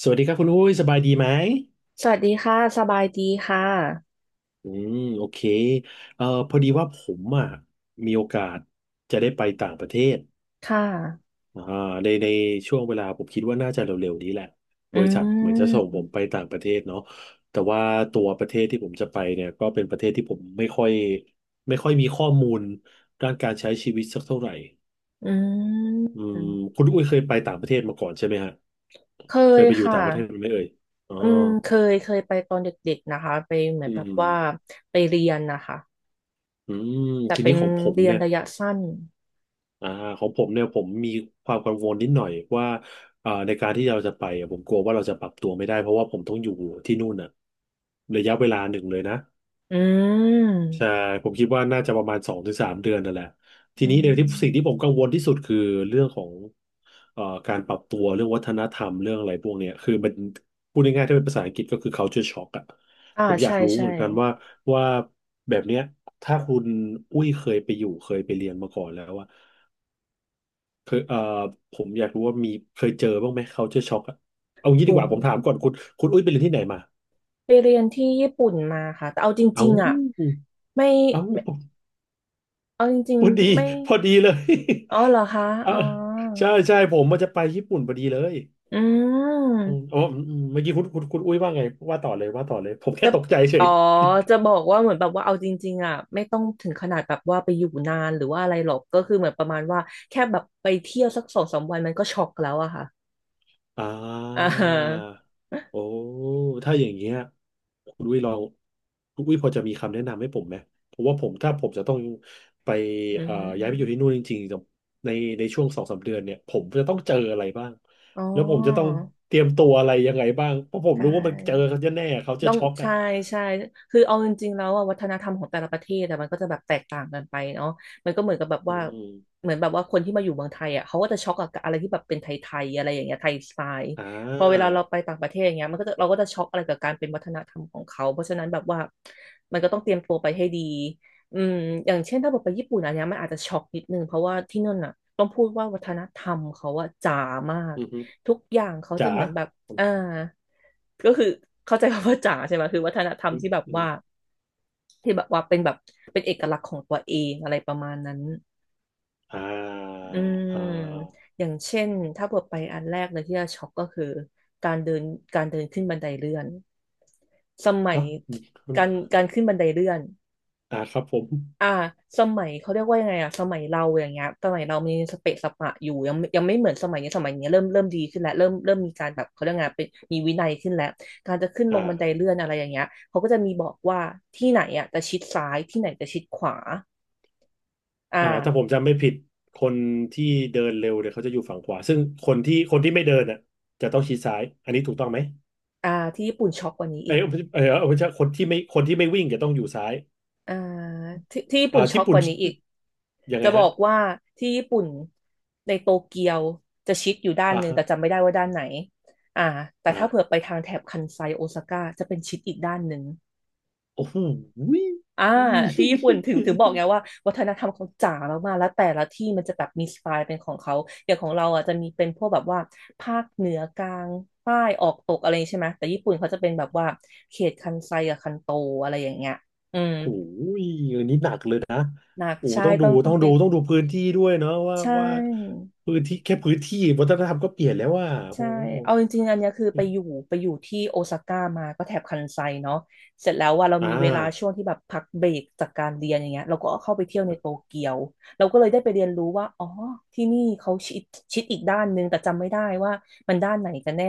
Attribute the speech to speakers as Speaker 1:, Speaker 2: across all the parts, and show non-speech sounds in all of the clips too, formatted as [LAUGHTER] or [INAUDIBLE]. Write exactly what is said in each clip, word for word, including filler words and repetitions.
Speaker 1: สวัสดีครับคุณอุ้ยสบายดีไหม
Speaker 2: สวัสดีค่ะสบายดีค่ะ
Speaker 1: อืมโอเคเอ่อพอดีว่าผมอ่ะมีโอกาสจะได้ไปต่างประเทศ
Speaker 2: ค่ะ
Speaker 1: อ่าในในช่วงเวลาผมคิดว่าน่าจะเร็วๆนี้แหละบ
Speaker 2: อื
Speaker 1: ริษัทเหมือนจะส่งผม
Speaker 2: ม
Speaker 1: ไปต่างประเทศเนาะแต่ว่าตัวประเทศที่ผมจะไปเนี่ยก็เป็นประเทศที่ผมไม่ค่อยไม่ค่อยมีข้อมูลด้านการใช้ชีวิตสักเท่าไหร่
Speaker 2: อื
Speaker 1: อื
Speaker 2: ม
Speaker 1: มคุณอุ้ยเคยไปต่างประเทศมาก่อนใช่ไหมฮะ
Speaker 2: เค
Speaker 1: เคย
Speaker 2: ย
Speaker 1: ไปอยู่
Speaker 2: ค่ะ
Speaker 1: ต่างประเทศไหมเอ่ยอ๋อ
Speaker 2: อืมเคยเคยไปตอนเด็กๆนะคะไปเหมือน
Speaker 1: อื
Speaker 2: แบบว่า
Speaker 1: ม
Speaker 2: ไปเรียนนะคะ
Speaker 1: อืม
Speaker 2: แต่
Speaker 1: ที
Speaker 2: เป็
Speaker 1: นี้
Speaker 2: น
Speaker 1: ของผม
Speaker 2: เรียน
Speaker 1: เนี่ย
Speaker 2: ระยะสั้น
Speaker 1: อ่าของผมเนี่ยผมมีความกังวลนิดหน่อยว่าเอ่อในการที่เราจะไปอะผมกลัวว่าเราจะปรับตัวไม่ได้เพราะว่าผมต้องอยู่ที่นู่นน่ะระยะเวลาหนึ่งเลยนะ
Speaker 2: อื
Speaker 1: ใช่
Speaker 2: ม
Speaker 1: ผมคิดว่าน่าจะประมาณสองถึงสามเดือนนั่นแหละที
Speaker 2: อื
Speaker 1: นี้ในที่สิ่งที่ผ
Speaker 2: ม
Speaker 1: มกังวลที่สุดคือเรื่องของเอ่อการปรับตัวเรื่องวัฒนธรรมเรื่องอะไรพวกเนี้ยคือมันพูดง่ายๆถ้าเป็นภาษาอังกฤษก็คือ culture shock อะ
Speaker 2: อ่า
Speaker 1: ผมอยา
Speaker 2: ใช่
Speaker 1: กรู้
Speaker 2: ใช่
Speaker 1: เหมือนกันว่าว่าแบบเนี้ยถ้าคุณอุ้ยเคยไปอยู่เคยไปเรียนมาก่อนแล้วว่า เคยเอ่อผมอยากรู้ว่ามีเคยเจอบ้างไหม culture shock อะเอางี้
Speaker 2: โอ
Speaker 1: ดีกว่าผมถาม
Speaker 2: ้
Speaker 1: ก่อนคุณคุณอุ้ยไปเรียนที่ไหนมา
Speaker 2: ไปเรียนที่ญี่ปุ่นมาค่ะแต่เอาจ
Speaker 1: เอ้า
Speaker 2: ริงๆอ่ะไม่
Speaker 1: เอ้า
Speaker 2: ไม่เอาจริง
Speaker 1: พอดี
Speaker 2: ๆไม่
Speaker 1: พอดีเลย
Speaker 2: อ๋อเหรอคะ
Speaker 1: [LAUGHS] อ่ะ
Speaker 2: อ๋อ
Speaker 1: ใช่ใช่ผมมันจะไปญี่ปุ่นพอดีเลย
Speaker 2: อื
Speaker 1: อืม
Speaker 2: ม
Speaker 1: อ๋ออืมอืมเมื่อกี้คุณคุณคุณอุ้ยว่าไงว่าต่อเลยว่าต่อเลยผมแค่
Speaker 2: จะ
Speaker 1: ตกใจเฉ
Speaker 2: อ๋
Speaker 1: ย
Speaker 2: อจะบอกว่าเหมือนแบบว่าเอาจริงๆอ่ะไม่ต้องถึงขนาดแบบว่าไปอยู่นานหรือว่าอะไรหรอกก็คือเหมือนประมาณว่าแค่แบบไปเที่ยวสักสองสามวันมันก็ช็อกแล้วอะค่ะ
Speaker 1: อ่
Speaker 2: อ่า
Speaker 1: า
Speaker 2: ฮะ
Speaker 1: โอ้ถ้าอย่างเงี้ยคุณวิลองคุณวิพอจะมีคำแนะนำให้ผมไหมเพราะว่าผมถ้าผมจะต้องไป
Speaker 2: อื
Speaker 1: เอ่อย้ายไปอยู่ที่
Speaker 2: ม
Speaker 1: นู่นจริงๆในในช่วงสองสามเดือนเนี่ยผมจะต้องเจออะไรบ้าง
Speaker 2: อ๋อ
Speaker 1: แล้วผมจะต้องเตรียมตัวอะไรยังไงบ้างเพราะผม
Speaker 2: ได้
Speaker 1: รู้ว่ามันเจอเขาจะแน่ๆเขาจะ
Speaker 2: ต้อง
Speaker 1: ช็อกอ่ะ
Speaker 2: ใช่ใช่คือเอาจริงๆแล้วอะวัฒนธรรมของแต่ละประเทศแต่มันก็จะแบบแตกต่างกันไปเนาะมันก็เหมือนกับแบบ
Speaker 1: อื
Speaker 2: ว่า
Speaker 1: ม
Speaker 2: เหมือนแบบว่าคนที่มาอยู่เมืองไทยอ่ะเขาก็จะช็อกกับอะไรที่แบบเป็นไทยๆอะไรอย่างเงี้ยไทยสไตล์
Speaker 1: อ่
Speaker 2: พอเวลาเรา
Speaker 1: า
Speaker 2: ไปต่างประเทศอย่างเงี้ยมันก็จะเราก็จะช็อกอะไรกับการเป็นวัฒนธรรมของเขาเพราะฉะนั้นแบบว่ามันก็ต้องเตรียมตัวไปให้ดี อืมอย่างเช่นถ้าบอกไปญี่ปุ่นอันเนี้ยมันอาจจะช็อกนิดนึงเพราะว่าที่นั่นน่ะต้องพูดว่าวัฒนธรรมเขาอะจ๋ามาก
Speaker 1: อืมฮึ
Speaker 2: ทุกอย่างเขาจะ
Speaker 1: จ๋า
Speaker 2: เหมือนแบบ
Speaker 1: อืม
Speaker 2: อ่าก็คือเข้าใจคำว่าจ๋าใช่ไหมคือวัฒนธรรม
Speaker 1: อืม
Speaker 2: ที่แบบ
Speaker 1: อืม
Speaker 2: ว่าที่แบบว่าเป็นแบบเป็นเอกลักษณ์ของตัวเองอะไรประมาณนั้น
Speaker 1: อ่า
Speaker 2: อืม
Speaker 1: อ่า
Speaker 2: อย่างเช่นถ้าเปิดไปอันแรกเลยที่จะช็อกก็คือการเดินการเดินขึ้นบันไดเลื่อนสมัย
Speaker 1: ฮะมี
Speaker 2: การการขึ้นบันไดเลื่อน
Speaker 1: อ่าครับผม
Speaker 2: อ่าสมัยเขาเรียกว่ายังไงอะสมัยเราอย่างเงี้ยสมัยเรามีสเปะสปะอยู่ยังยังไม่เหมือนสมัยนี้สมัยนี้เริ่มเริ่มดีขึ้นแล้วเริ่มเริ่มมีการแบบเขาเรียกไงเป็นมีวินัยขึ้นแล้วการจะขึ้นลงบันได
Speaker 1: อ่า
Speaker 2: เลื่อนอะไรอย่างเงี้ยเขาก็จะมีบอกว่าที่ไหนอะจะชิดซ้ายที่ไหนจะชิดขวา
Speaker 1: อ่าถ้าผ
Speaker 2: อ่า
Speaker 1: มจำไม่ผิดคนที่เดินเร็วเนี่ยเขาจะอยู่ฝั่งขวาซึ่งคนที่คนที่ไม่เดินอ่ะจะต้องชี้ซ้ายอันนี้ถูกต้องไหม
Speaker 2: อ่าที่ญี่ปุ่นช็อกกว่านี้
Speaker 1: เอ้
Speaker 2: อีก
Speaker 1: ยเออเอาไม่ใช่คนที่ไม่คนที่ไม่วิ่งจะต้องอยู่ซ้าย
Speaker 2: อ่าที่ที่ญี่
Speaker 1: อ่า
Speaker 2: ปุ่นช็อ
Speaker 1: ญี่
Speaker 2: กก
Speaker 1: ปุ่น
Speaker 2: ว่านี้อีก
Speaker 1: ยังไง
Speaker 2: จะบอ
Speaker 1: ฮะ
Speaker 2: กว่าที่ญี่ปุ่นในโตเกียวจะชิดอยู่ด้าน
Speaker 1: อ่า
Speaker 2: หนึ่ง
Speaker 1: ฮะ
Speaker 2: แต่จำไม่ได้ว่าด้านไหนอ่าแต่ถ้าเผื่อ
Speaker 1: อ่า
Speaker 2: ไปทางแถบคันไซโอซาก้าจะเป็นชิดอีกด้านหนึ่ง
Speaker 1: โอ้โหย
Speaker 2: อ่าที่ญี่ปุ่นถึงถึงบอกไงว่าวัฒนธรรมเขาจ๋ามากๆแล้วแต่ละที่มันจะแบบมีสไตล์เป็นของเขาอย่างของเราอ่ะจะมีเป็นพวกแบบว่าภาคเหนือกลางใต้ออกตกอะไรอย่างนี้ใช่ไหมแต่ญี่ปุ่นเขาจะเป็นแบบว่าเขตคันไซกับคันโตอะไรอย่างเงี้ยอืม
Speaker 1: โอ้ยอันนี้หนักเลยนะ
Speaker 2: หนัก
Speaker 1: โอ้
Speaker 2: ใช่
Speaker 1: ต้องดู
Speaker 2: ต้องต้อ
Speaker 1: ต้อ
Speaker 2: ง
Speaker 1: ง
Speaker 2: เป็
Speaker 1: ดู
Speaker 2: น
Speaker 1: ต้องดูพื้นที่ด้วยเนาะว่า
Speaker 2: ใช่
Speaker 1: ว่าพื้นที่แค่พื้นที่วัฒนธรรมก็เปลี่ยนแล้วว่า
Speaker 2: ใช่
Speaker 1: โอ้โห
Speaker 2: เอาจริงๆอันเนี้ยคือไปอยู่ไปอยู่ที่โอซาก้ามาก็แถบคันไซเนาะเสร็จแล้วว่าเรามี
Speaker 1: อ่า
Speaker 2: เวลาช่วงที่แบบพักเบรกจากการเรียนอย่างเงี้ยเราก็เข้าไปเที่ยวในโตเกียวเราก็เลยได้ไปเรียนรู้ว่าอ๋อที่นี่เขาชิดชิดอีกด้านนึงแต่จำไม่ได้ว่ามันด้านไหนกันแน่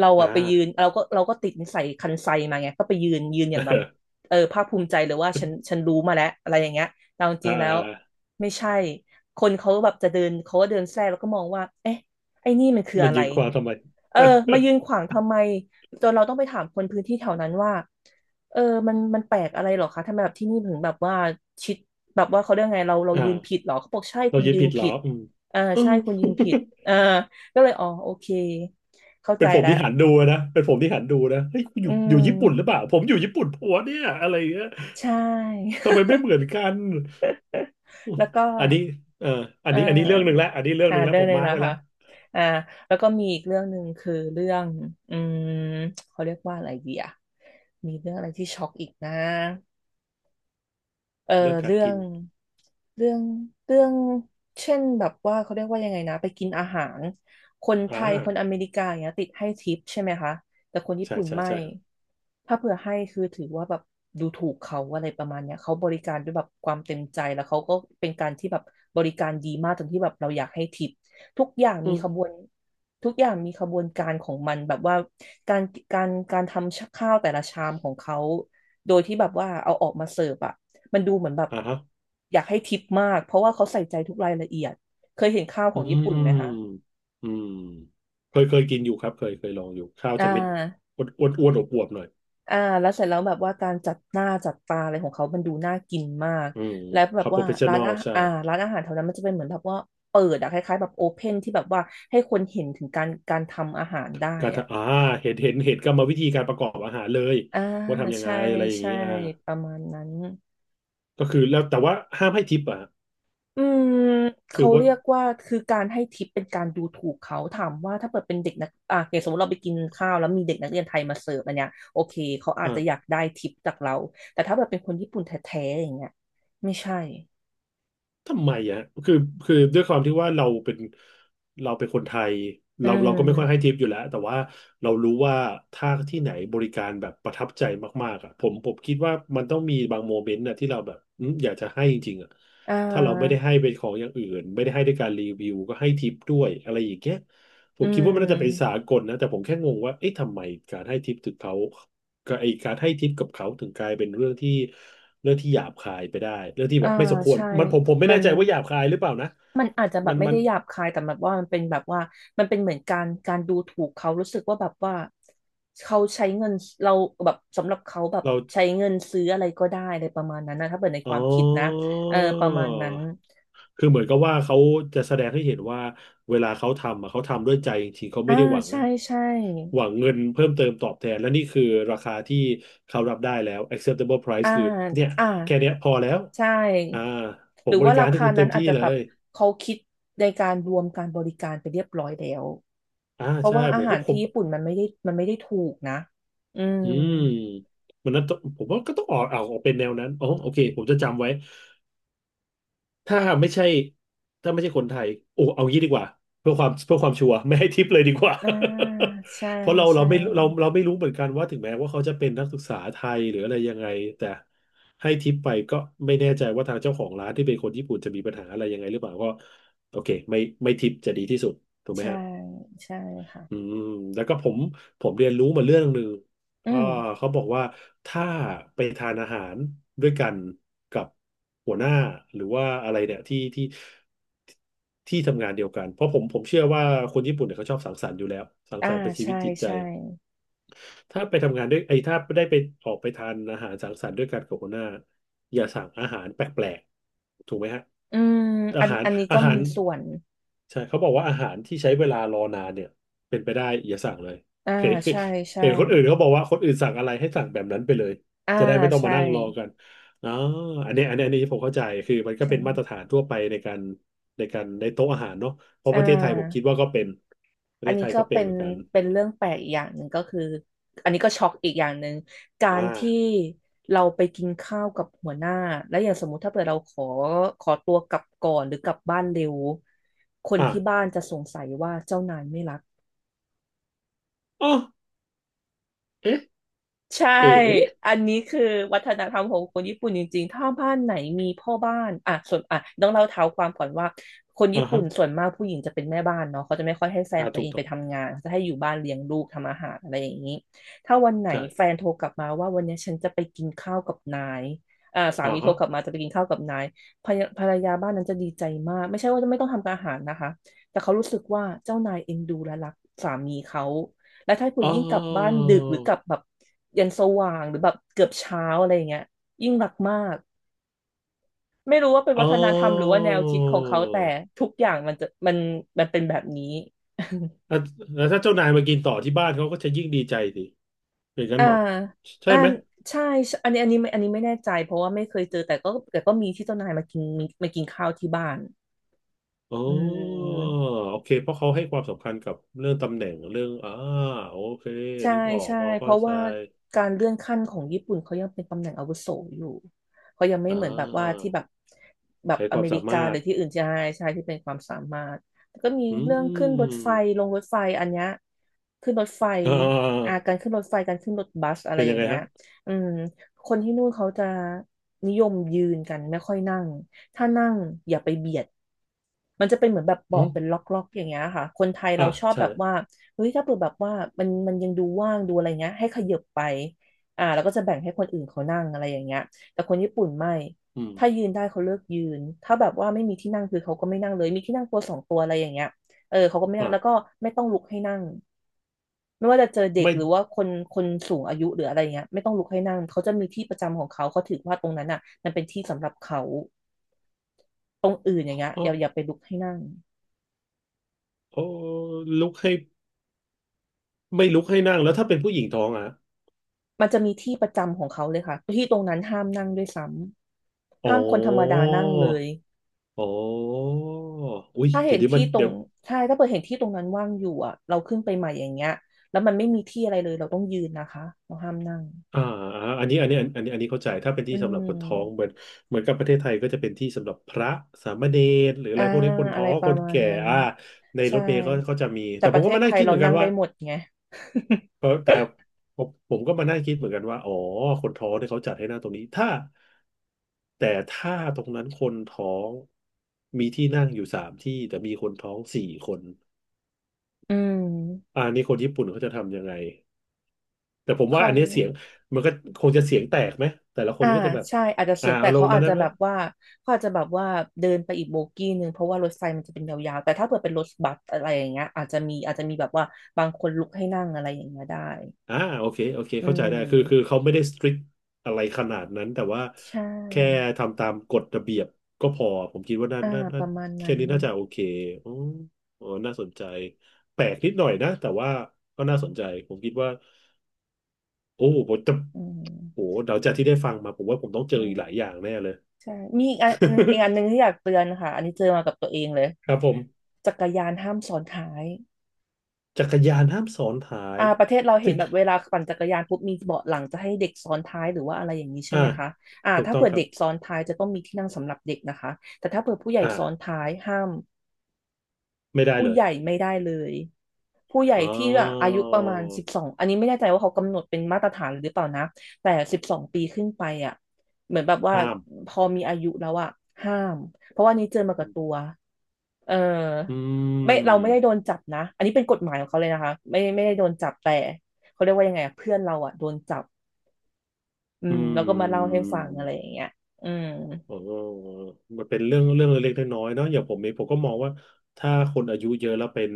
Speaker 2: เรา
Speaker 1: อ่า
Speaker 2: อะไปยืนเราก็เราก็ติดนิสัยคันไซมาไงก็ไปยืนยืนอย่างแบบ
Speaker 1: [LAUGHS]
Speaker 2: เออภาคภูมิใจเลยว่าฉันฉันรู้มาแล้วอะไรอย่างเงี้ยแต่เอาจ
Speaker 1: อ่
Speaker 2: ริงๆแล้ว
Speaker 1: า
Speaker 2: ไม่ใช่คนเขาแบบจะเดินเขาก็เดินแทรกแล้วก็มองว่าเอ๊ะ ไอ้นี่มันคือ
Speaker 1: มัน
Speaker 2: อะไร
Speaker 1: ยืนขวางทำไม
Speaker 2: เออ มา
Speaker 1: [LAUGHS]
Speaker 2: ยืนขวางทำไมจนเราต้องไปถามคนพื้นที่แถวนั้นว่าเออมันมันแปลกอะไรเหรอคะทำไมแบบที่นี่ถึงแบบว่าชิดแบบว่าเขาเรียกไงเราเรายืนผิด
Speaker 1: อ่า
Speaker 2: เหรอ เขาบอกใช่
Speaker 1: เรา
Speaker 2: คุณ
Speaker 1: ยืน
Speaker 2: ยื
Speaker 1: ผิ
Speaker 2: น
Speaker 1: ดเหร
Speaker 2: ผิ
Speaker 1: อ
Speaker 2: ด
Speaker 1: อืม
Speaker 2: เออ
Speaker 1: [LAUGHS] เออ
Speaker 2: ใช่
Speaker 1: [LAUGHS]
Speaker 2: คุณยืนผิดเออก็เลยอ๋อโอเค เข้า
Speaker 1: เป็
Speaker 2: ใจ
Speaker 1: นผม
Speaker 2: แล้ว
Speaker 1: ที่หันดูนะเป็นผมที่หันดูนะเฮ้ยกูอ
Speaker 2: อื
Speaker 1: ยู่อยู่ญี่ปุ่นหรือเป
Speaker 2: ม
Speaker 1: ล่าผมอยู่ญี่ปุ่นผัวเนี่ยอะไรเงี้ย
Speaker 2: ใช่
Speaker 1: ทำไมไม่เหมือนกัน
Speaker 2: [LAUGHS] แล้วก็
Speaker 1: อันนี้เอ่ออัน
Speaker 2: อ่
Speaker 1: นี้อันนี้เรื่องหนึ่ง
Speaker 2: า
Speaker 1: แล้วอันนี้เรื่อง
Speaker 2: อ่า
Speaker 1: หนึ่งแล้ว
Speaker 2: เรื่อ
Speaker 1: ผ
Speaker 2: ง
Speaker 1: ม
Speaker 2: หนึ่ง
Speaker 1: มาร์ก
Speaker 2: นะ
Speaker 1: ไว้
Speaker 2: คะ
Speaker 1: แล้ว
Speaker 2: อ่าแล้วก็มีอีกเรื่องหนึ่งคือเรื่องอืมเขาเรียกว่าอะไรดีอะมีเรื่องอะไรที่ช็อกอีกนะ เออ
Speaker 1: เรื่องการ
Speaker 2: เรื่อ
Speaker 1: กิ
Speaker 2: ง
Speaker 1: น
Speaker 2: เรื่องเรื่องเช่นแบบว่าเขาเรียกว่ายังไงนะไปกินอาหารคนไท
Speaker 1: อ่
Speaker 2: ยคนอ
Speaker 1: า
Speaker 2: เมริกาอย่างเงี้ยติดให้ทิปใช่ไหมคะแต่คนญี่
Speaker 1: ใช่
Speaker 2: ปุ่น
Speaker 1: ใช่
Speaker 2: ไม่
Speaker 1: ใช่ครับ
Speaker 2: ถ้าเผื่อให้คือถือว่าแบบดูถูกเขาอะไรประมาณเนี้ยเขาบริการด้วยแบบความเต็มใจแล้วเขาก็เป็นการที่แบบบริการดีมากจนที่แบบเราอยากให้ทิปทุกอย่าง
Speaker 1: อื
Speaker 2: มีขบ
Speaker 1: ม
Speaker 2: วนทุกอย่างมีขบวนการของมันแบบว่าการการการทำข้าวแต่ละชามของเขาโดยที่แบบว่าเอาออกมาเสิร์ฟอะ มันดูเหมือนแบบ
Speaker 1: อ่าฮะ
Speaker 2: อยากให้ทิปมากเพราะว่าเขาใส่ใจทุกรายละเอียดเคยเห็นข้าวข
Speaker 1: อื
Speaker 2: องญี่ปุ่นไหมคะ
Speaker 1: มอืมเคยเคยกินอยู่ครับเคยเคยลองอยู่ข้าว
Speaker 2: อ่
Speaker 1: จะเม็ด
Speaker 2: า
Speaker 1: อ้วนอ้วนอ้วนอวบๆหน่อย
Speaker 2: อ่าแล้วเสร็จแล้วแบบว่าการจัดหน้าจัดตาอะไรของเขา มันดูน่ากินมาก
Speaker 1: อืม
Speaker 2: แล้วแบ
Speaker 1: ค
Speaker 2: บ
Speaker 1: รับโปร
Speaker 2: ว่า
Speaker 1: เฟชชั่
Speaker 2: ร้า
Speaker 1: น
Speaker 2: น
Speaker 1: อล
Speaker 2: อาหาร
Speaker 1: ใช่
Speaker 2: อ่าร้านอาหารแถวนั้นมันจะเป็นเหมือนแบบว่าเปิดอะคล้ายๆแบบโอเพนที่แบบว่าให้คนเห็นถึงการการทำอาหารได้
Speaker 1: การ
Speaker 2: อะ
Speaker 1: ทำอ่าเห็นเห็นเห็นกรรมวิธีการประกอบอาหารเลย
Speaker 2: อ่า
Speaker 1: ว่าทำยังไง
Speaker 2: ใช่
Speaker 1: อะไรอย่าง
Speaker 2: ใช่
Speaker 1: นี้อ่า
Speaker 2: ประมาณนั้น
Speaker 1: ก็คือแล้วแต่ว่าห้ามให้ทิปอ่ะ
Speaker 2: อืม
Speaker 1: ถือ
Speaker 2: เขา
Speaker 1: ว่า
Speaker 2: เรียกว่าคือการให้ทิปเป็นการดูถูกเขาถามว่าถ้าเปิดเป็นเด็กนักอ่ะอย่างสมมติเราไปกินข้าวแล้วมีเด็กนักเรียนไทยมาเสิร์ฟอันเนี้ยโอเคเขาอาจจะอยาก
Speaker 1: อ่า
Speaker 2: ได้ทิปจากเราแต่ถ้าเปิดเป็นคนญี่ปุ่นแท้ๆอย่างเงี้ยไม่ใช่
Speaker 1: ทำไมอ่ะคือคือด้วยความที่ว่าเราเป็นเราเป็นคนไทย
Speaker 2: อื
Speaker 1: เราเราก็ไม่ค่อยให้
Speaker 2: ม
Speaker 1: ทิปอยู่แล้วแต่ว่าเรารู้ว่าถ้าที่ไหนบริการแบบประทับใจมากๆอ่ะผมผมคิดว่ามันต้องมีบางโมเมนต์นะที่เราแบบอืมอยากจะให้จริงๆอ่ะ
Speaker 2: อ่
Speaker 1: ถ้าเราไม่ได้
Speaker 2: า
Speaker 1: ให้เป็นของอย่างอื่นไม่ได้ให้ด้วยการรีวิวก็ให้ทิปด้วยอะไรอย่างเงี้ยผ
Speaker 2: อื
Speaker 1: มคิดว่ามันน่าจะเป็นสา
Speaker 2: ม
Speaker 1: กลนะแต่ผมแค่งงว่าเอ๊ะทำไมการให้ทิปถึงเขา ก็ไอการให้ทิปกับเขาถึงกลายเป็นเรื่องที่เรื่องที่หยาบคายไปได้เรื่องที่
Speaker 2: อ่า
Speaker 1: แบบไม่สมควร
Speaker 2: ใช่
Speaker 1: มันผมผมไม่
Speaker 2: มั
Speaker 1: แน่
Speaker 2: น
Speaker 1: ใจว่าหยาบคายหรือเปล่านะ
Speaker 2: มันอาจจะแบ
Speaker 1: มั
Speaker 2: บ
Speaker 1: น
Speaker 2: ไม่
Speaker 1: มัน
Speaker 2: ได้หยาบคายแต่แบบว่ามันเป็นแบบว่ามันเป็นเหมือนการการดูถูกเขารู้สึกว่าแบบว่าเขาใช้เงินเราแบบสำหรับเขาแบบ
Speaker 1: เรา
Speaker 2: ใช้เงินซื้ออะไรก็ได้อะไรประมาณนั้นนะถ้าเปิดใน
Speaker 1: อ๋
Speaker 2: ค
Speaker 1: อ
Speaker 2: วามคิดนะเออประมาณนั้น
Speaker 1: คือเหมือนกับว่าเขาจะแสดงให้เห็นว่าเวลาเขาทำอะเขาทำด้วยใจจริงๆเขาไม่
Speaker 2: อ่า
Speaker 1: ได้หวัง
Speaker 2: ใช่ใช่
Speaker 1: หวังเงินเพิ่มเติมตอบแทนและนี่คือราคาที่เขารับได้แล้ว acceptable
Speaker 2: อ่า
Speaker 1: price คือเนี่ย
Speaker 2: อ่า
Speaker 1: แค่เนี้ยพอแล้ว
Speaker 2: ใช
Speaker 1: อ่า
Speaker 2: ่
Speaker 1: ผ
Speaker 2: ห
Speaker 1: ม
Speaker 2: รือ
Speaker 1: บ
Speaker 2: ว่า
Speaker 1: ริการ
Speaker 2: รา
Speaker 1: ให้
Speaker 2: คา
Speaker 1: คุณเต็
Speaker 2: นั้น
Speaker 1: ม
Speaker 2: อา
Speaker 1: ที่
Speaker 2: จจะ
Speaker 1: เล
Speaker 2: แบบ
Speaker 1: ย
Speaker 2: เขาคิดในการรวมการบริการไปเรียบร้อยแล้ว
Speaker 1: อ่า
Speaker 2: เพราะ
Speaker 1: ใช่
Speaker 2: ว่า
Speaker 1: ผ
Speaker 2: อา
Speaker 1: ม
Speaker 2: หา
Speaker 1: ก็
Speaker 2: ร
Speaker 1: ผ
Speaker 2: ที่
Speaker 1: ม
Speaker 2: ญี่ปุ่นมันไม่ได้มันไม่ได้ถูกนะอื
Speaker 1: อื
Speaker 2: ม
Speaker 1: มมันนั้นต้องผมว่าก็ต้องออกเอาออกเป็นแนวนั้นอ๋อโอเคผมจะจำไว้ถ้าไม่ใช่ถ้าไม่ใช่คนไทยโอ้เอางี้ดีกว่าเพื่อความเพื่อความชัวร์ไม่ให้ทิปเลยดีกว่า
Speaker 2: อ่าใช่
Speaker 1: [LAUGHS] เพราะเราเรา
Speaker 2: ใช่
Speaker 1: ไม่เราเราไม่รู้เหมือนกันว่าถึงแม้ว่าเขาจะเป็นนักศึกษาไทยหรืออะไรยังไงแต่ให้ทิปไปก็ไม่แน่ใจว่าทางเจ้าของร้านที่เป็นคนญี่ปุ่นจะมีปัญหาอะไรยังไงหรือเปล่าก็โอเคไม่ไม่ทิปจะดีที่สุดถูกไหม
Speaker 2: ใช่
Speaker 1: ฮะ
Speaker 2: ใช่
Speaker 1: อื
Speaker 2: ค่ะ
Speaker 1: มแล้วก็ผมผมเรียนรู้มาเรื่องหนึ่ง
Speaker 2: อื
Speaker 1: อ่า
Speaker 2: ม
Speaker 1: เขาบอกว่าถ้าไปทานอาหารด้วยกันกับหัวหน้าหรือว่าอะไรเนี่ยที่ที่ที่ทำงานเดียวกันเพราะผมผมเชื่อว่าคนญี่ปุ่นเนี่ยเขาชอบสังสรรค์อยู่แล้วสัง
Speaker 2: อ่า
Speaker 1: สรรค์เป็นชีวิ
Speaker 2: ใช่
Speaker 1: ตจิตใจ
Speaker 2: ใช่
Speaker 1: ถ้าไปทำงานด้วยไอ้ถ้าได้ไปออกไปทานอาหารสังสรรค์ด้วยกันกับหัวหน้าอย่าสั่งอาหารแปลกๆถูกไหมฮะ
Speaker 2: อืม
Speaker 1: อา
Speaker 2: อัน
Speaker 1: หาร
Speaker 2: อันนี้
Speaker 1: อา
Speaker 2: ก็
Speaker 1: หา
Speaker 2: มี
Speaker 1: ร
Speaker 2: ส่วน
Speaker 1: ใช่เขาบอกว่าอาหารที่ใช้เวลารอนานเนี่ยเป็นไปได้อย่าสั่งเลย
Speaker 2: อ่า
Speaker 1: เห็น
Speaker 2: ใช่ใช่
Speaker 1: เห็นคนอื่นเขาบอกว่าคนอื่นสั่งอะไรให้สั่งแบบนั้นไปเลย
Speaker 2: อ่า
Speaker 1: จะได้ไม่ต้องมา
Speaker 2: ใช่
Speaker 1: นั่งรอกันอ๋ออันนี้อันนี้อันนี้ผมเข้าใจคือมันก็
Speaker 2: ใช่
Speaker 1: เป็นมาตรฐานทั่วไปในการในการในโต๊ะอาหารเนาะเพราะ
Speaker 2: อ่
Speaker 1: ประเทศไทยผมคิ
Speaker 2: า
Speaker 1: ดว่าก็เป็นประ
Speaker 2: อั
Speaker 1: เท
Speaker 2: น
Speaker 1: ศ
Speaker 2: นี้
Speaker 1: ไทย
Speaker 2: ก็
Speaker 1: ก็เป็น
Speaker 2: เป็น
Speaker 1: เหมือนกัน
Speaker 2: เป็นเรื่องแปลกอีกอย่างหนึ่งก็คืออันนี้ก็ช็อกอีกอย่างหนึ่งกา
Speaker 1: อ่
Speaker 2: ร
Speaker 1: า
Speaker 2: ที่เราไปกินข้าวกับหัวหน้าแล้วอย่างสมมุติถ้าเกิดเราขอขอตัวกลับก่อนหรือกลับบ้านเร็วคน
Speaker 1: อ่า
Speaker 2: ที่บ้านจะสงสัยว่าเจ้านายไม่รัก
Speaker 1: อ๋อ เอ๊ะ
Speaker 2: ใช่
Speaker 1: เอ๋
Speaker 2: อันนี้คือวัฒนธรรมของคนญี่ปุ่นจริงๆถ้าบ้านไหนมีพ่อบ้านอ่ะส่วนอ่ะต้องเล่าเท้าความก่อนว่าคน
Speaker 1: อ่า
Speaker 2: ญี่ปุ่
Speaker 1: ฮะ
Speaker 2: นส่วนมากผู้หญิงจะเป็นแม่บ้านเนาะเขาจะไม่ค่อยให้แฟน
Speaker 1: อ่า
Speaker 2: ตัว
Speaker 1: ถู
Speaker 2: เอ
Speaker 1: ก
Speaker 2: ง
Speaker 1: ต้
Speaker 2: ไป
Speaker 1: อง
Speaker 2: ทำงานจะให้อยู่บ้านเลี้ยงลูกทำอาหารอะไรอย่างนี้ถ้าวันไหน
Speaker 1: ใช่
Speaker 2: แฟนโทรกลับมาว่าวันนี้ฉันจะไปกินข้าวกับนายอ่าสา
Speaker 1: อ่า
Speaker 2: มีโทร
Speaker 1: ฮะ
Speaker 2: กลับมาจะไปกินข้าวกับนายภรรยาภรรยาบ้านนั้นจะดีใจมาก ไม่ใช่ว่าจะไม่ต้องทำอาหารนะคะแต่เขารู้สึกว่าเจ้านายเอ็นดูและรักสามีเขา แล้วถ้าคุณ
Speaker 1: อ๋อ
Speaker 2: ยิ่งกลับบ้านดึกหรือกลับแบบยันสว่างหรือแบบเกือบเช้าอะไรอย่างเงี้ยยิ่งรักมากไม่รู้ว่าเป็น
Speaker 1: อ๋
Speaker 2: วั
Speaker 1: อ
Speaker 2: ฒนธรรมหรือว่าแนวคิดของเขาแต่ทุกอย่างมันจะมันมันเป็นแบบนี้
Speaker 1: แล้วแล้วถ้าเจ้านายมากินต่อที่บ้านเขาก็จะยิ่งดีใจสิอย่าง
Speaker 2: [LAUGHS]
Speaker 1: นั้น
Speaker 2: อ่า
Speaker 1: เหรอใช่
Speaker 2: อ่า
Speaker 1: ไหม
Speaker 2: ใช่ใช่อันนี้อันนี้ไม่อันนี้ไม่แน่ใจเพราะว่าไม่เคยเจอแต่ก็แต่ก็มีที่เจ้านายมากินมีมากินข้าวที่บ้าน
Speaker 1: อ๋
Speaker 2: อื
Speaker 1: อ
Speaker 2: ม
Speaker 1: โอเคเพราะเขาให้ความสำคัญกับเรื่องตำแหน่งเรื่องอ่าโอเค
Speaker 2: ใช่
Speaker 1: นึกออก
Speaker 2: ใช่
Speaker 1: พอ
Speaker 2: เพ
Speaker 1: เข้า
Speaker 2: ราะ
Speaker 1: ใจ
Speaker 2: ว่าการเลื่อนขั้นของญี่ปุ่นเขายังเป็นตำแหน่งอาวุโสอยู่เขายังไม่
Speaker 1: อ่
Speaker 2: เหมือนแบบว่า
Speaker 1: า
Speaker 2: ที่แบบแบบ
Speaker 1: ใช้
Speaker 2: อ
Speaker 1: ควา
Speaker 2: เม
Speaker 1: ม
Speaker 2: ริ
Speaker 1: สา
Speaker 2: กา
Speaker 1: มา
Speaker 2: ห
Speaker 1: ร
Speaker 2: รื
Speaker 1: ถ
Speaker 2: อที่อื่นใช่ใช่ที่เป็นความสามารถแล้วก็มี
Speaker 1: อื
Speaker 2: เรื่องขึ้นรถไฟ
Speaker 1: ม
Speaker 2: ลงรถไฟอันเนี้ยขึ้นรถไฟ
Speaker 1: อ่
Speaker 2: อา
Speaker 1: า
Speaker 2: การขึ้นรถไฟการขึ้นรถบัสอะไร
Speaker 1: เป็น
Speaker 2: อ
Speaker 1: ยัง
Speaker 2: ย่าง
Speaker 1: ไง
Speaker 2: เงี้ย
Speaker 1: ฮะ
Speaker 2: อืมคนที่นู่นเขาจะนิยมยืนกันไม่ค่อยนั่งถ้านั่งอย่าไปเบียด มันจะเป็นเหมือนแบบ
Speaker 1: อ๋อ
Speaker 2: เบาะเป็นล็อกๆอย่างเงี้ยค่ะคนไทย
Speaker 1: อ่า
Speaker 2: เราชอบ
Speaker 1: ใช่
Speaker 2: แบบว่าเฮ้ยถ้าเปิดแบบว่ามันมันยังดูว่างดูอะไรเงี้ยให้ขยับไปอ่าแล้วก็จะแบ่งให้คนอื่นเขานั่งอะไรอย่างเงี้ยแต่คนญี่ปุ่นไม่
Speaker 1: อืม
Speaker 2: ถ้ายืนได้เขาเลือกยืนถ้าแบบว่าไม่มีที่นั่งคือเขาก็ไม่นั่งเลยมีที่นั่งตัวสองตัวอะไรอย่างเงี้ยเออเขาก็ไม่นั่ง
Speaker 1: อ่า
Speaker 2: แล้วก็ไม่ต้องลุกให้นั่งไม่ว่าจะเจอเด็ก
Speaker 1: ไม่
Speaker 2: หรือว่าคนคนสูงอายุหรืออะไรเงี้ยไม่ต้องลุกให้นั่งเขาจะมีที่ประจำของเขาเขาถือว่าตรงนั้นอ่ะมันเป็นที่สำหรับเขาตรงอื่นอย่างเงี้ย
Speaker 1: อ๋
Speaker 2: อ
Speaker 1: อ
Speaker 2: ย่าอย่าไปลุกให้นั่ง
Speaker 1: โอ้ลุกให้ไม่ลุกให้นั่งแล้วถ้าเป็นผู้หญิงท้องอ่ะ
Speaker 2: มันจะมีที่ประจำของเขาเลยค่ะที่ตรงนั้นห้ามนั่งด้วยซ้ำ
Speaker 1: อ๋อ
Speaker 2: ห้ามคนธรรมดานั่งเลย
Speaker 1: อ๋ออุ้ย
Speaker 2: ถ้า
Speaker 1: เดี๋
Speaker 2: เห็
Speaker 1: ย
Speaker 2: น
Speaker 1: วนี้มั
Speaker 2: ที่
Speaker 1: น
Speaker 2: ตร
Speaker 1: เดี๋
Speaker 2: ง
Speaker 1: ยว
Speaker 2: ใช่ถ้าเปิดเห็นที่ตรงนั้นว่างอยู่อ่ะเราขึ้นไปใหม่อย่างเงี้ยแล้วมันไม่มีที่อะไรเลยเราต้องยืนนะคะเราห้ามนั่ง
Speaker 1: อ่าอ่าอันนี้อันนี้อันนี้อันนี้เข้าใจถ้าเป็น
Speaker 2: อื
Speaker 1: ที่สำหรับคนท้องเห
Speaker 2: ม
Speaker 1: มือนเหมือนกับประเทศไทยก็จะเป็นที่สำหรับพระสามเณรหรืออะ
Speaker 2: อ่า
Speaker 1: ไรพวกนี้คน
Speaker 2: อะ
Speaker 1: ท้อ
Speaker 2: ไร
Speaker 1: ง
Speaker 2: ป
Speaker 1: ค
Speaker 2: ระ
Speaker 1: น
Speaker 2: มาณ
Speaker 1: แก่
Speaker 2: นั้น
Speaker 1: อ่าในร
Speaker 2: ใช่
Speaker 1: ถเมล์เขาเขาจะมี
Speaker 2: แต่
Speaker 1: แต่
Speaker 2: ป
Speaker 1: ผ
Speaker 2: ระ
Speaker 1: ม
Speaker 2: เท
Speaker 1: ก็
Speaker 2: ศ
Speaker 1: มา
Speaker 2: ไท
Speaker 1: นั่ง
Speaker 2: ย
Speaker 1: คิด
Speaker 2: เรา
Speaker 1: เหมือนกั
Speaker 2: นั่
Speaker 1: น
Speaker 2: งได้
Speaker 1: ว่า
Speaker 2: หมดไง
Speaker 1: เพราะแต่ผมผมก็มานั่งคิดเหมือนกันว่าอ๋อคนท้องเนี่ยเขาจัดให้นั่งตรงนี้ถ้าแต่ถ้าตรงนั้นคนท้องมีที่นั่งอยู่สามที่แต่มีคนท้องสี่คน
Speaker 2: [LAUGHS] อืม
Speaker 1: อ่านี่คนญี่ปุ่นเขาจะทำยังไงแต่ผมว่า
Speaker 2: เขา
Speaker 1: อันเนี้ยเสียงมันก็คงจะเสียงแตกไหมแต่ละคน
Speaker 2: อ่า
Speaker 1: ก็จะแบบ
Speaker 2: ใช่อาจจะเสี
Speaker 1: อ่า
Speaker 2: ยงแต่
Speaker 1: เอาล
Speaker 2: เขา
Speaker 1: งมา
Speaker 2: อาจ
Speaker 1: ได้
Speaker 2: จะ
Speaker 1: ไหม
Speaker 2: แบบว่าเขาอาจจะแบบว่าเดินไปอีกโบกี้หนึ่งเพราะว่ารถไฟมันจะเป็นยาวๆแต่ถ้าเผื่อเป็นรถบัสอะไรอย่างเงี้ยอาจจะมีอาจจะมีแบบว่าบางคนลุกให้นั่งอะไรอย่างเงี้ยได้
Speaker 1: อ่าโอเคโอเค
Speaker 2: อื
Speaker 1: เข้าใจได้คือคือ
Speaker 2: ม
Speaker 1: เขาไม่ได้ strict อะไรขนาดนั้นแต่ว่า
Speaker 2: ใช
Speaker 1: แค่
Speaker 2: ่
Speaker 1: ทำตามกฎระเบียบก็พอผมคิดว่าน่า
Speaker 2: อ่า
Speaker 1: น่า
Speaker 2: ป
Speaker 1: น่า
Speaker 2: ระมาณ
Speaker 1: แค่
Speaker 2: นั้น
Speaker 1: นี้น่าจะโอเคอ๋ออ๋อน่าสนใจแปลกนิดหน่อยนะแต่ว่าก็น่าสนใจผมคิดว่าโอ้ผมจะ
Speaker 2: อื
Speaker 1: โอ้
Speaker 2: ม
Speaker 1: เดาจากที่ได้ฟังมาผมว่าผมต้องเจอ
Speaker 2: ใช่
Speaker 1: อีกหลายอย่างแน่เลย
Speaker 2: ใช่มีอีกอันอีกอันหนึ่งที่อยากเตือนค่ะอันนี้เจอมากับตัวเองเลย
Speaker 1: [LAUGHS] ครับผม
Speaker 2: จักรยานห้ามซ้อนท้าย
Speaker 1: จักรยานห้ามซ้อนท้าย
Speaker 2: อ่าประเทศเราเห็
Speaker 1: ถึ
Speaker 2: น
Speaker 1: ง
Speaker 2: แบบเวลาปั่นจักรยานปุ๊บมีเบาะหลังจะให้เด็กซ้อนท้ายหรือว่าอะไรอย่างนี้ใช่
Speaker 1: อ่า
Speaker 2: ไหมคะอ่า
Speaker 1: ถูก
Speaker 2: ถ้า
Speaker 1: ต้อง
Speaker 2: เผื่อ
Speaker 1: ครั
Speaker 2: เด็ก
Speaker 1: บ
Speaker 2: ซ้อนท้ายจะต้องมีที่นั่งสำหรับเด็กนะคะแต่ถ้าเผื่อผู้ใหญ่ซ้อน
Speaker 1: อ่า
Speaker 2: ท้ายห้าม
Speaker 1: ไม่ได้
Speaker 2: ผู้
Speaker 1: เล
Speaker 2: ให
Speaker 1: ย
Speaker 2: ญ่ไม่ได้เลยผู้ใหญ่
Speaker 1: อ๋อ
Speaker 2: ที่แบบอายุประมาณสิบสองอันนี้ไม่แน่ใจว่าเขากำหนดเป็นมาตรฐานหรือเปล่านะแต่สิบสองปีขึ้นไปอ่ะเหมือนแบบว่า
Speaker 1: ห้าม
Speaker 2: พอมีอายุแล้วอ่ะห้ามเพราะว่านี้เจอมากับตัวเออ
Speaker 1: อื
Speaker 2: ไม่เราไม่ได้
Speaker 1: ม
Speaker 2: โดนจับนะอันนี้เป็นกฎหมายของเขาเลยนะคะไม่ไม่ได้โดนจับแต่เขาเรียกว่ายังไงอะเพื่อนเราอ่ะโดนจับอื
Speaker 1: อื
Speaker 2: มแล้วก็มาเล่าให้ฟังอะไรอ
Speaker 1: ม
Speaker 2: ย่างเงี้ยอืม
Speaker 1: อ๋อมันเป็นเรื่องเรื่องเล็กๆน้อยๆเนาะอย่างผมเองผมก็มองว่าถ้าคนอายุเยอะแล้วเป็น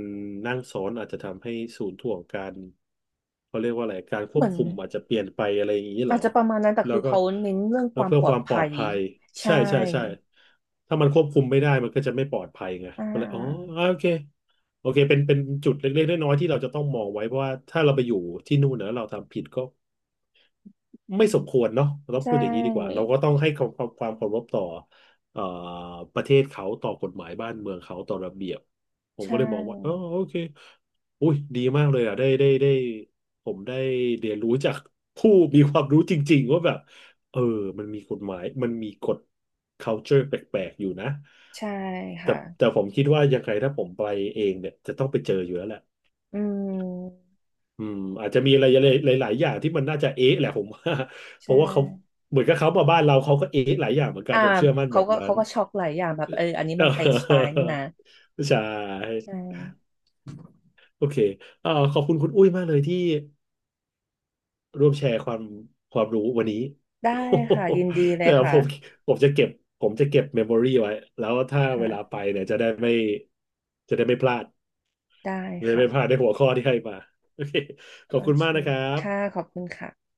Speaker 1: นั่งซ้อนอาจจะทำให้ศูนย์ถ่วงการเขาเรียกว่าอะไรการค
Speaker 2: เห
Speaker 1: ว
Speaker 2: มื
Speaker 1: บ
Speaker 2: อน
Speaker 1: คุมอาจจะเปลี่ยนไปอะไรอย่างนี้เหร
Speaker 2: อา
Speaker 1: อ
Speaker 2: จจะประมาณนั้นแต่
Speaker 1: แล้
Speaker 2: คื
Speaker 1: ว
Speaker 2: อ
Speaker 1: ก็
Speaker 2: เขาเน้นเรื่องค
Speaker 1: แล้ว
Speaker 2: วาม
Speaker 1: เพื่อ
Speaker 2: ปลอ
Speaker 1: ค
Speaker 2: ด
Speaker 1: วามปลอ
Speaker 2: ภั
Speaker 1: ด
Speaker 2: ย
Speaker 1: ภัย
Speaker 2: ใช่
Speaker 1: ใช่ใช่ใช่ถ้ามันควบคุมไม่ได้มันก็จะไม่ปลอดภัยไง
Speaker 2: อ่
Speaker 1: ก็เลยอ๋อ
Speaker 2: า
Speaker 1: อ่าโอเคโอเคเป็นเป็นจุดเล็กๆน้อยๆที่เราจะต้องมองไว้เพราะว่าถ้าเราไปอยู่ที่นู่นเนอะเราทำผิดก็ ไม่สมควรเนาะเราต้อง
Speaker 2: ใช
Speaker 1: พูดอย่างนี้ดีกว่า
Speaker 2: ่
Speaker 1: เราก็ต้องให้ความความความเคารพต่อเอ่อประเทศเขาต่อกฎหมายบ้านเมืองเขาต่อระเบียบผมก็
Speaker 2: ใช่
Speaker 1: เลยมองว่าอ๋อโอเคอุ้ยดีมากเลยอ่ะได้ได้ได้ผมได้เรียนรู้จากผู้มีความรู้จริงๆว่าแบบเออมันมีกฎหมายมันมีกฎ culture แปลกๆอยู่นะ
Speaker 2: ใช่
Speaker 1: แต่แต่
Speaker 2: ค่ะ
Speaker 1: ผมคิดว่ายังไงถ้าผมไปเองเนี่ยจะต้องไปเจออยู่แล้วแหละ
Speaker 2: อืม
Speaker 1: อืมอาจจะมีอะไรหลายๆอย่างที่มันน่าจะเอ๊ะแหละผมว่า [LAUGHS] เพ
Speaker 2: ใช่
Speaker 1: ราะว่าเขาเหมือนกับเขามาบ้านเราเขาก็เอ๊ะหลายอย่างเหมือนกัน
Speaker 2: อ่า
Speaker 1: ผมเชื่อมั่นแบ
Speaker 2: เขา
Speaker 1: บ
Speaker 2: ก็
Speaker 1: นั้
Speaker 2: เขา
Speaker 1: น
Speaker 2: ก็ช็อกหลายอย่างแบบเอออันนี้มันไทยสไตล์นี่นะ
Speaker 1: [LAUGHS] ใช่
Speaker 2: ใช่
Speaker 1: โอเคเอ่อขอบคุณคุณอุ้ยมากเลยที่ร่วมแชร์ความความรู้วันนี้
Speaker 2: ได้ค่ะยินดี
Speaker 1: [LAUGHS]
Speaker 2: เลย
Speaker 1: เดี๋ยว
Speaker 2: ค่ะ
Speaker 1: ผมผมจะเก็บผมจะเก็บเมมโมรี่ไว้แล้วถ้าเวลาไป
Speaker 2: ค่ะ
Speaker 1: เนี่ยจะได้ไม่จะได้ไม่พลาด
Speaker 2: ได้
Speaker 1: จะได้
Speaker 2: ค่ะ
Speaker 1: ไม่พลาดในหัวข้อที่ให้มาโอเคขอ
Speaker 2: โอ
Speaker 1: บคุณ
Speaker 2: เค
Speaker 1: มากนะครับ
Speaker 2: ค่ะขอบคุณค่ะ